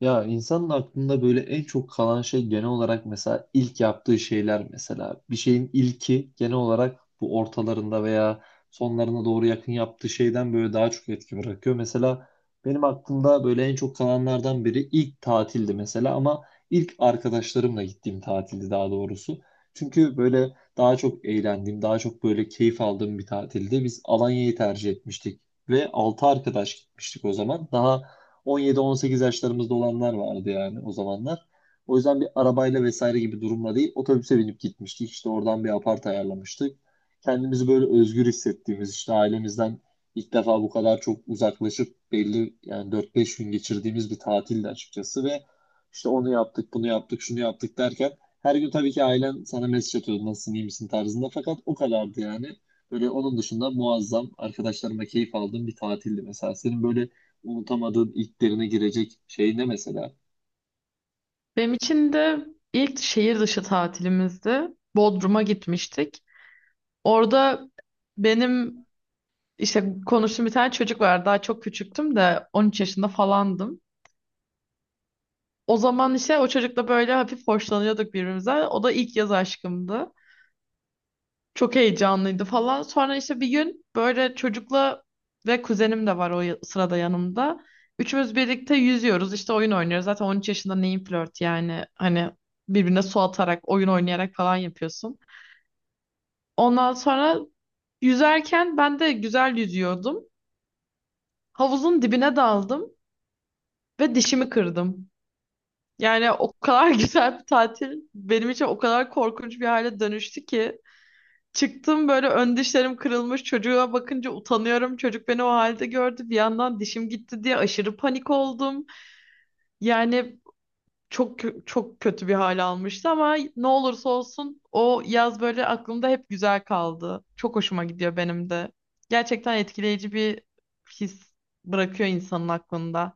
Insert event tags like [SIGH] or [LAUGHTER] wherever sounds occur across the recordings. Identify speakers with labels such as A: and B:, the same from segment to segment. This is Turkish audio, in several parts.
A: Ya insanın aklında böyle en çok kalan şey genel olarak mesela ilk yaptığı şeyler mesela. Bir şeyin ilki genel olarak bu ortalarında veya sonlarına doğru yakın yaptığı şeyden böyle daha çok etki bırakıyor. Mesela benim aklımda böyle en çok kalanlardan biri ilk tatildi mesela ama ilk arkadaşlarımla gittiğim tatildi daha doğrusu. Çünkü böyle daha çok eğlendiğim, daha çok böyle keyif aldığım bir tatildi. Biz Alanya'yı tercih etmiştik ve 6 arkadaş gitmiştik o zaman. Daha 17-18 yaşlarımızda olanlar vardı yani o zamanlar. O yüzden bir arabayla vesaire gibi durumla değil otobüse binip gitmiştik. İşte oradan bir apart ayarlamıştık. Kendimizi böyle özgür hissettiğimiz işte ailemizden ilk defa bu kadar çok uzaklaşıp belli yani 4-5 gün geçirdiğimiz bir tatildi açıkçası ve işte onu yaptık, bunu yaptık, şunu yaptık derken her gün tabii ki ailen sana mesaj atıyordu nasılsın, iyi misin tarzında fakat o kadardı yani. Böyle onun dışında muazzam arkadaşlarıma keyif aldığım bir tatildi mesela. Senin böyle unutamadığın ilklerine girecek şey ne mesela?
B: Benim için de ilk şehir dışı tatilimizdi. Bodrum'a gitmiştik. Orada benim işte konuştuğum bir tane çocuk var. Daha çok küçüktüm de 13 yaşında falandım. O zaman işte o çocukla böyle hafif hoşlanıyorduk birbirimizden. O da ilk yaz aşkımdı. Çok heyecanlıydı falan. Sonra işte bir gün böyle çocukla ve kuzenim de var sırada yanımda. Üçümüz birlikte yüzüyoruz işte oyun oynuyoruz. Zaten 13 yaşında neyin flört, yani hani birbirine su atarak, oyun oynayarak falan yapıyorsun. Ondan sonra yüzerken ben de güzel yüzüyordum. Havuzun dibine daldım ve dişimi kırdım. Yani o kadar [LAUGHS] güzel bir tatil benim için o kadar korkunç bir hale dönüştü ki. Çıktım, böyle ön dişlerim kırılmış, çocuğa bakınca utanıyorum. Çocuk beni o halde gördü. Bir yandan dişim gitti diye aşırı panik oldum. Yani çok kötü bir hal almıştı ama ne olursa olsun o yaz böyle aklımda hep güzel kaldı. Çok hoşuma gidiyor benim de. Gerçekten etkileyici bir his bırakıyor insanın aklında.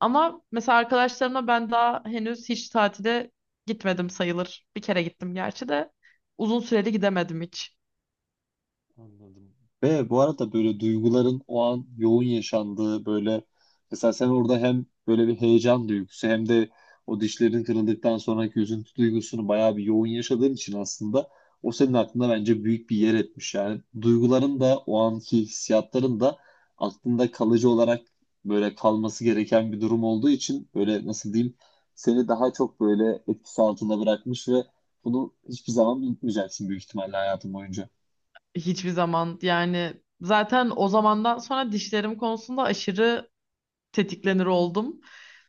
B: Ama mesela arkadaşlarımla ben daha henüz hiç tatile gitmedim sayılır. Bir kere gittim gerçi de uzun süreli gidemedim hiç.
A: Anladım. Ve bu arada böyle duyguların o an yoğun yaşandığı böyle mesela sen orada hem böyle bir heyecan duygusu hem de o dişlerin kırıldıktan sonraki üzüntü duygusunu bayağı bir yoğun yaşadığın için aslında o senin aklında bence büyük bir yer etmiş. Yani duyguların da o anki hissiyatların da aklında kalıcı olarak böyle kalması gereken bir durum olduğu için böyle nasıl diyeyim seni daha çok böyle etkisi altında bırakmış ve bunu hiçbir zaman unutmayacaksın büyük ihtimalle hayatın boyunca.
B: Hiçbir zaman, yani zaten o zamandan sonra dişlerim konusunda aşırı tetiklenir oldum.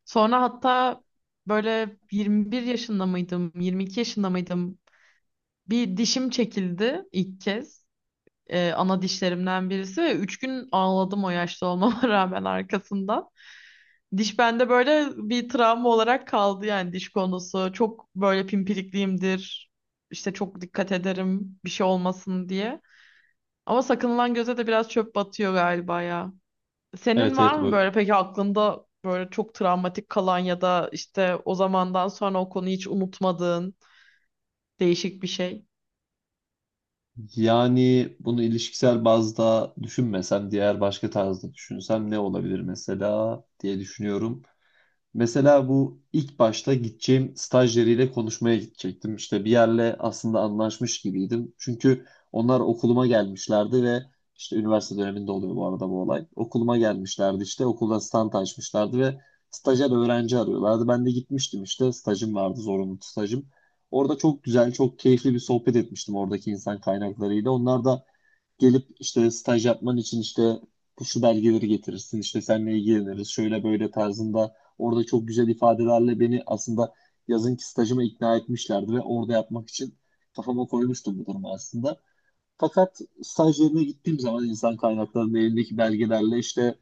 B: Sonra hatta böyle 21 yaşında mıydım, 22 yaşında mıydım? Bir dişim çekildi ilk kez. Ana dişlerimden birisi ve 3 gün ağladım o yaşta olmama [LAUGHS] rağmen arkasından. Diş bende böyle bir travma olarak kaldı, yani diş konusu. Çok böyle pimpirikliyimdir. İşte çok dikkat ederim bir şey olmasın diye. Ama sakınılan göze de biraz çöp batıyor galiba ya. Senin
A: Evet, evet,
B: var mı
A: o.
B: böyle peki aklında böyle çok travmatik kalan ya da işte o zamandan sonra o konuyu hiç unutmadığın değişik bir şey?
A: Yani bunu ilişkisel bazda düşünmesem, diğer başka tarzda düşünsem ne olabilir mesela diye düşünüyorum. Mesela bu ilk başta gideceğim stajyeriyle konuşmaya gidecektim. İşte bir yerle aslında anlaşmış gibiydim. Çünkü onlar okuluma gelmişlerdi ve işte üniversite döneminde oluyor bu arada bu olay. Okuluma gelmişlerdi, işte okulda stand açmışlardı ve stajyer öğrenci arıyorlardı. Ben de gitmiştim, işte stajım vardı, zorunlu stajım. Orada çok güzel, çok keyifli bir sohbet etmiştim oradaki insan kaynaklarıyla. Onlar da gelip işte staj yapman için işte şu belgeleri getirirsin, işte seninle ilgileniriz, şöyle böyle tarzında orada çok güzel ifadelerle beni aslında yazınki stajıma ikna etmişlerdi ve orada yapmak için kafama koymuştum bu durumu aslında. Fakat staj yerine gittiğim zaman insan kaynaklarının elindeki belgelerle işte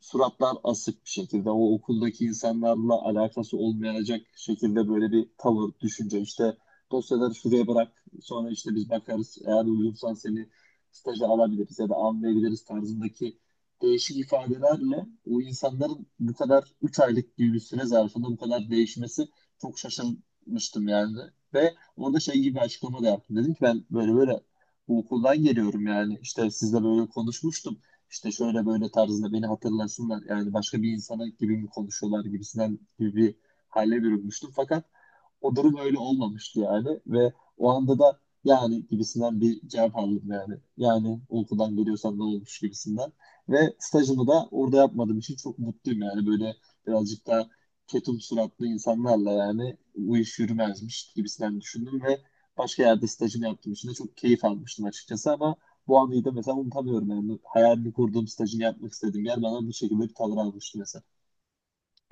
A: suratlar asık bir şekilde, o okuldaki insanlarla alakası olmayacak şekilde böyle bir tavır, düşünce, işte dosyaları şuraya bırak, sonra işte biz bakarız, eğer uygunsan seni staja alabiliriz ya da almayabiliriz tarzındaki değişik ifadelerle o insanların bu kadar 3 aylık gibi bir süre zarfında bu kadar değişmesi çok şaşırmıştım yani. Ve orada şey gibi bir açıklama da yaptım. Dedim ki ben böyle böyle bu okuldan geliyorum yani, işte sizle böyle konuşmuştum. İşte şöyle böyle tarzında beni hatırlasınlar yani, başka bir insana gibi mi konuşuyorlar gibisinden gibi bir hale bürünmüştüm. Fakat o durum öyle olmamıştı yani ve o anda da yani gibisinden bir cevap aldım yani. Yani o okuldan geliyorsan ne olmuş gibisinden. Ve stajımı da orada yapmadığım için çok mutluyum yani, böyle birazcık daha ketum suratlı insanlarla yani bu iş yürümezmiş gibisinden düşündüm ve başka yerde stajımı yaptığım için de çok keyif almıştım açıkçası, ama bu anıyı da mesela unutamıyorum yani, hayalini kurduğum, stajını yapmak istediğim yer bana bu şekilde bir tavır almıştı mesela.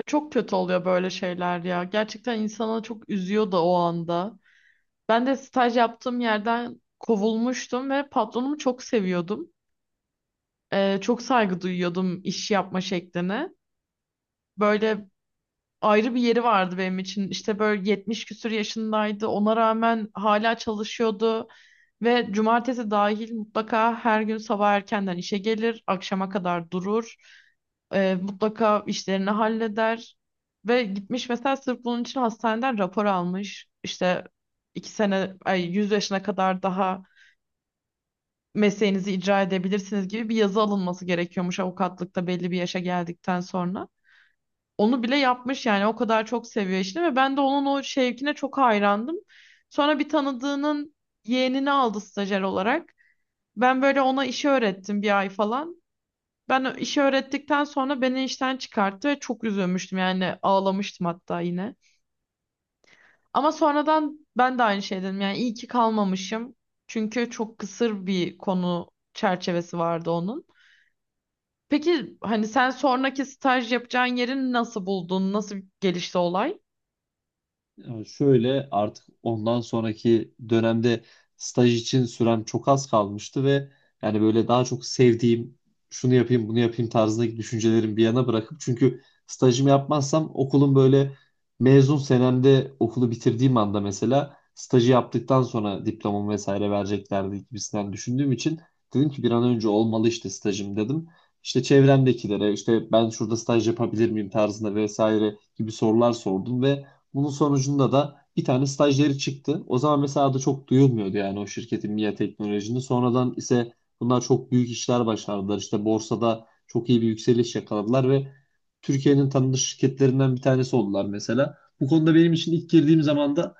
B: Çok kötü oluyor böyle şeyler ya. Gerçekten insana çok üzüyor da o anda. Ben de staj yaptığım yerden kovulmuştum ve patronumu çok seviyordum. Çok saygı duyuyordum iş yapma şekline. Böyle ayrı bir yeri vardı benim için. İşte böyle 70 küsur yaşındaydı. Ona rağmen hala çalışıyordu. Ve cumartesi dahil mutlaka her gün sabah erkenden işe gelir, akşama kadar durur. Mutlaka işlerini halleder. Ve gitmiş mesela sırf bunun için hastaneden rapor almış. İşte iki sene, ay, 100 yaşına kadar daha mesleğinizi icra edebilirsiniz gibi bir yazı alınması gerekiyormuş avukatlıkta belli bir yaşa geldikten sonra. Onu bile yapmış yani o kadar çok seviyor işini ve ben de onun o şevkine çok hayrandım. Sonra bir tanıdığının yeğenini aldı stajyer olarak. Ben böyle ona işi öğrettim bir ay falan. Ben işi öğrettikten sonra beni işten çıkarttı ve çok üzülmüştüm, yani ağlamıştım hatta yine. Ama sonradan ben de aynı şey dedim, yani iyi ki kalmamışım. Çünkü çok kısır bir konu çerçevesi vardı onun. Peki hani sen sonraki staj yapacağın yeri nasıl buldun? Nasıl gelişti olay?
A: Ya şöyle, artık ondan sonraki dönemde staj için sürem çok az kalmıştı ve yani böyle daha çok sevdiğim şunu yapayım bunu yapayım tarzındaki düşüncelerimi bir yana bırakıp, çünkü stajımı yapmazsam okulun böyle mezun senemde okulu bitirdiğim anda mesela stajı yaptıktan sonra diplomamı vesaire vereceklerdi gibisinden düşündüğüm için dedim ki bir an önce olmalı işte stajım dedim. İşte çevremdekilere işte ben şurada staj yapabilir miyim tarzında vesaire gibi sorular sordum ve bunun sonucunda da bir tane stajyeri çıktı. O zaman mesela da çok duyulmuyordu yani, o şirketin, MİA teknolojinin. Sonradan ise bunlar çok büyük işler başardılar. İşte borsada çok iyi bir yükseliş yakaladılar ve Türkiye'nin tanınmış şirketlerinden bir tanesi oldular mesela. Bu konuda benim için ilk girdiğim zaman da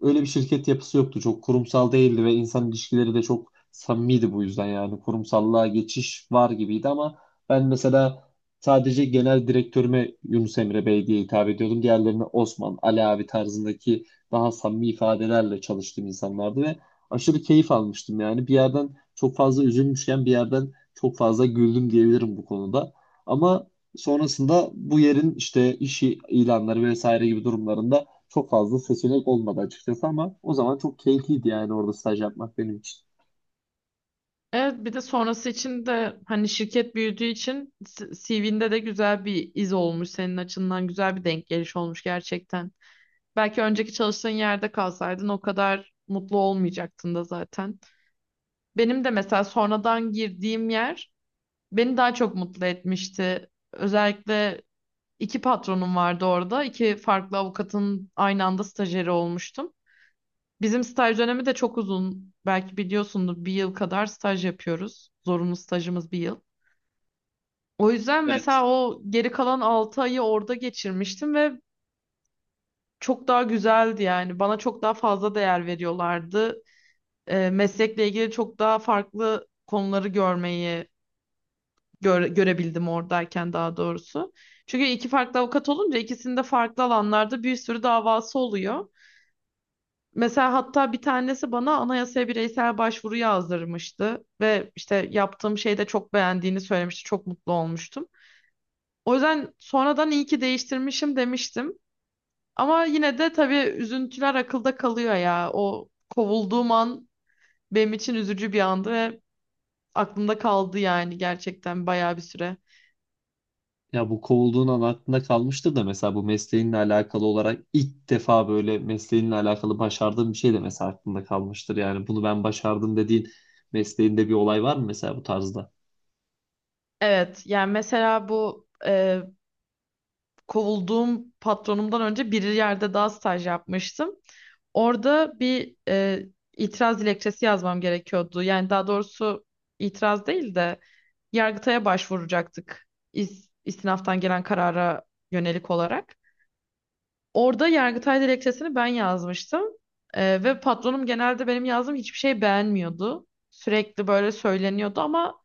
A: öyle bir şirket yapısı yoktu. Çok kurumsal değildi ve insan ilişkileri de çok samimiydi bu yüzden yani. Kurumsallığa geçiş var gibiydi ama ben mesela sadece genel direktörüme Yunus Emre Bey diye hitap ediyordum. Diğerlerine Osman, Ali abi tarzındaki daha samimi ifadelerle çalıştığım insanlardı ve aşırı keyif almıştım yani. Bir yerden çok fazla üzülmüşken bir yerden çok fazla güldüm diyebilirim bu konuda. Ama sonrasında bu yerin işte iş ilanları vesaire gibi durumlarında çok fazla seçenek olmadı açıkçası, ama o zaman çok keyifliydi yani orada staj yapmak benim için.
B: Evet, bir de sonrası için de hani şirket büyüdüğü için CV'nde de güzel bir iz olmuş, senin açından güzel bir denk geliş olmuş gerçekten. Belki önceki çalıştığın yerde kalsaydın o kadar mutlu olmayacaktın da zaten. Benim de mesela sonradan girdiğim yer beni daha çok mutlu etmişti. Özellikle iki patronum vardı orada. İki farklı avukatın aynı anda stajyeri olmuştum. Bizim staj dönemi de çok uzun. Belki biliyorsundur, bir yıl kadar staj yapıyoruz. Zorunlu stajımız bir yıl. O yüzden
A: Evet.
B: mesela o geri kalan 6 ayı orada geçirmiştim ve çok daha güzeldi yani. Bana çok daha fazla değer veriyorlardı. Meslekle ilgili çok daha farklı konuları görmeyi görebildim oradayken, daha doğrusu. Çünkü iki farklı avukat olunca ikisinin de farklı alanlarda bir sürü davası oluyor. Mesela hatta bir tanesi bana anayasaya bireysel başvuru yazdırmıştı ve işte yaptığım şeyi de çok beğendiğini söylemişti. Çok mutlu olmuştum. O yüzden sonradan iyi ki değiştirmişim demiştim. Ama yine de tabii üzüntüler akılda kalıyor ya. O kovulduğum an benim için üzücü bir andı ve aklımda kaldı yani gerçekten bayağı bir süre.
A: Ya bu kovulduğun an aklında kalmıştır da mesela bu mesleğinle alakalı olarak ilk defa böyle mesleğinle alakalı başardığın bir şey de mesela aklında kalmıştır. Yani bunu ben başardım dediğin mesleğinde bir olay var mı mesela bu tarzda?
B: Evet, yani mesela bu kovulduğum patronumdan önce bir yerde daha staj yapmıştım. Orada bir itiraz dilekçesi yazmam gerekiyordu. Yani daha doğrusu itiraz değil de Yargıtay'a başvuracaktık, istinaftan gelen karara yönelik olarak. Orada Yargıtay dilekçesini ben yazmıştım. Ve patronum genelde benim yazdığım hiçbir şey beğenmiyordu. Sürekli böyle söyleniyordu ama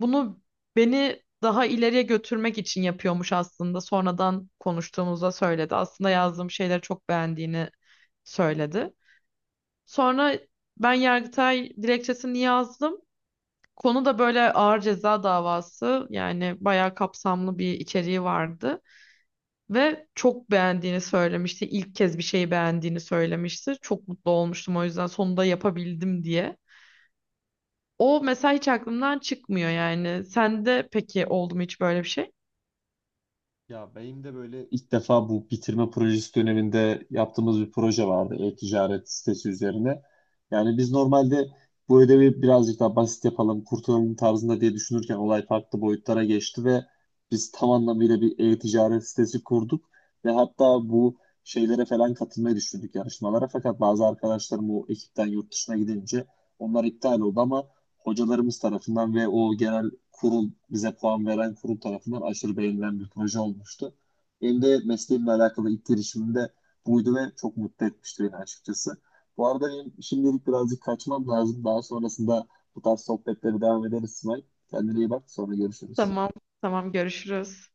B: bunu beni daha ileriye götürmek için yapıyormuş aslında. Sonradan konuştuğumuzda söyledi. Aslında yazdığım şeyleri çok beğendiğini söyledi. Sonra ben Yargıtay dilekçesini yazdım. Konu da böyle ağır ceza davası, yani bayağı kapsamlı bir içeriği vardı ve çok beğendiğini söylemişti. İlk kez bir şeyi beğendiğini söylemişti. Çok mutlu olmuştum o yüzden, sonunda yapabildim diye. O mesela hiç aklımdan çıkmıyor yani. Sende peki oldu mu hiç böyle bir şey?
A: Ya benim de böyle ilk defa bu bitirme projesi döneminde yaptığımız bir proje vardı e-ticaret sitesi üzerine. Yani biz normalde bu ödevi birazcık daha basit yapalım, kurtulalım tarzında diye düşünürken olay farklı boyutlara geçti ve biz tam anlamıyla bir e-ticaret sitesi kurduk ve hatta bu şeylere falan katılmayı düşündük, yarışmalara. Fakat bazı arkadaşlarım o ekipten yurt dışına gidince onlar iptal oldu, ama hocalarımız tarafından ve o genel kurul, bize puan veren kurul tarafından aşırı beğenilen bir proje olmuştu. Benim de mesleğimle alakalı ilk girişimimde buydu ve çok mutlu etmişti beni açıkçası. Bu arada benim şimdilik birazcık kaçmam lazım. Daha sonrasında bu tarz sohbetleri devam ederiz İsmail. Kendine iyi bak. Sonra görüşürüz.
B: Tamam, tamam, görüşürüz.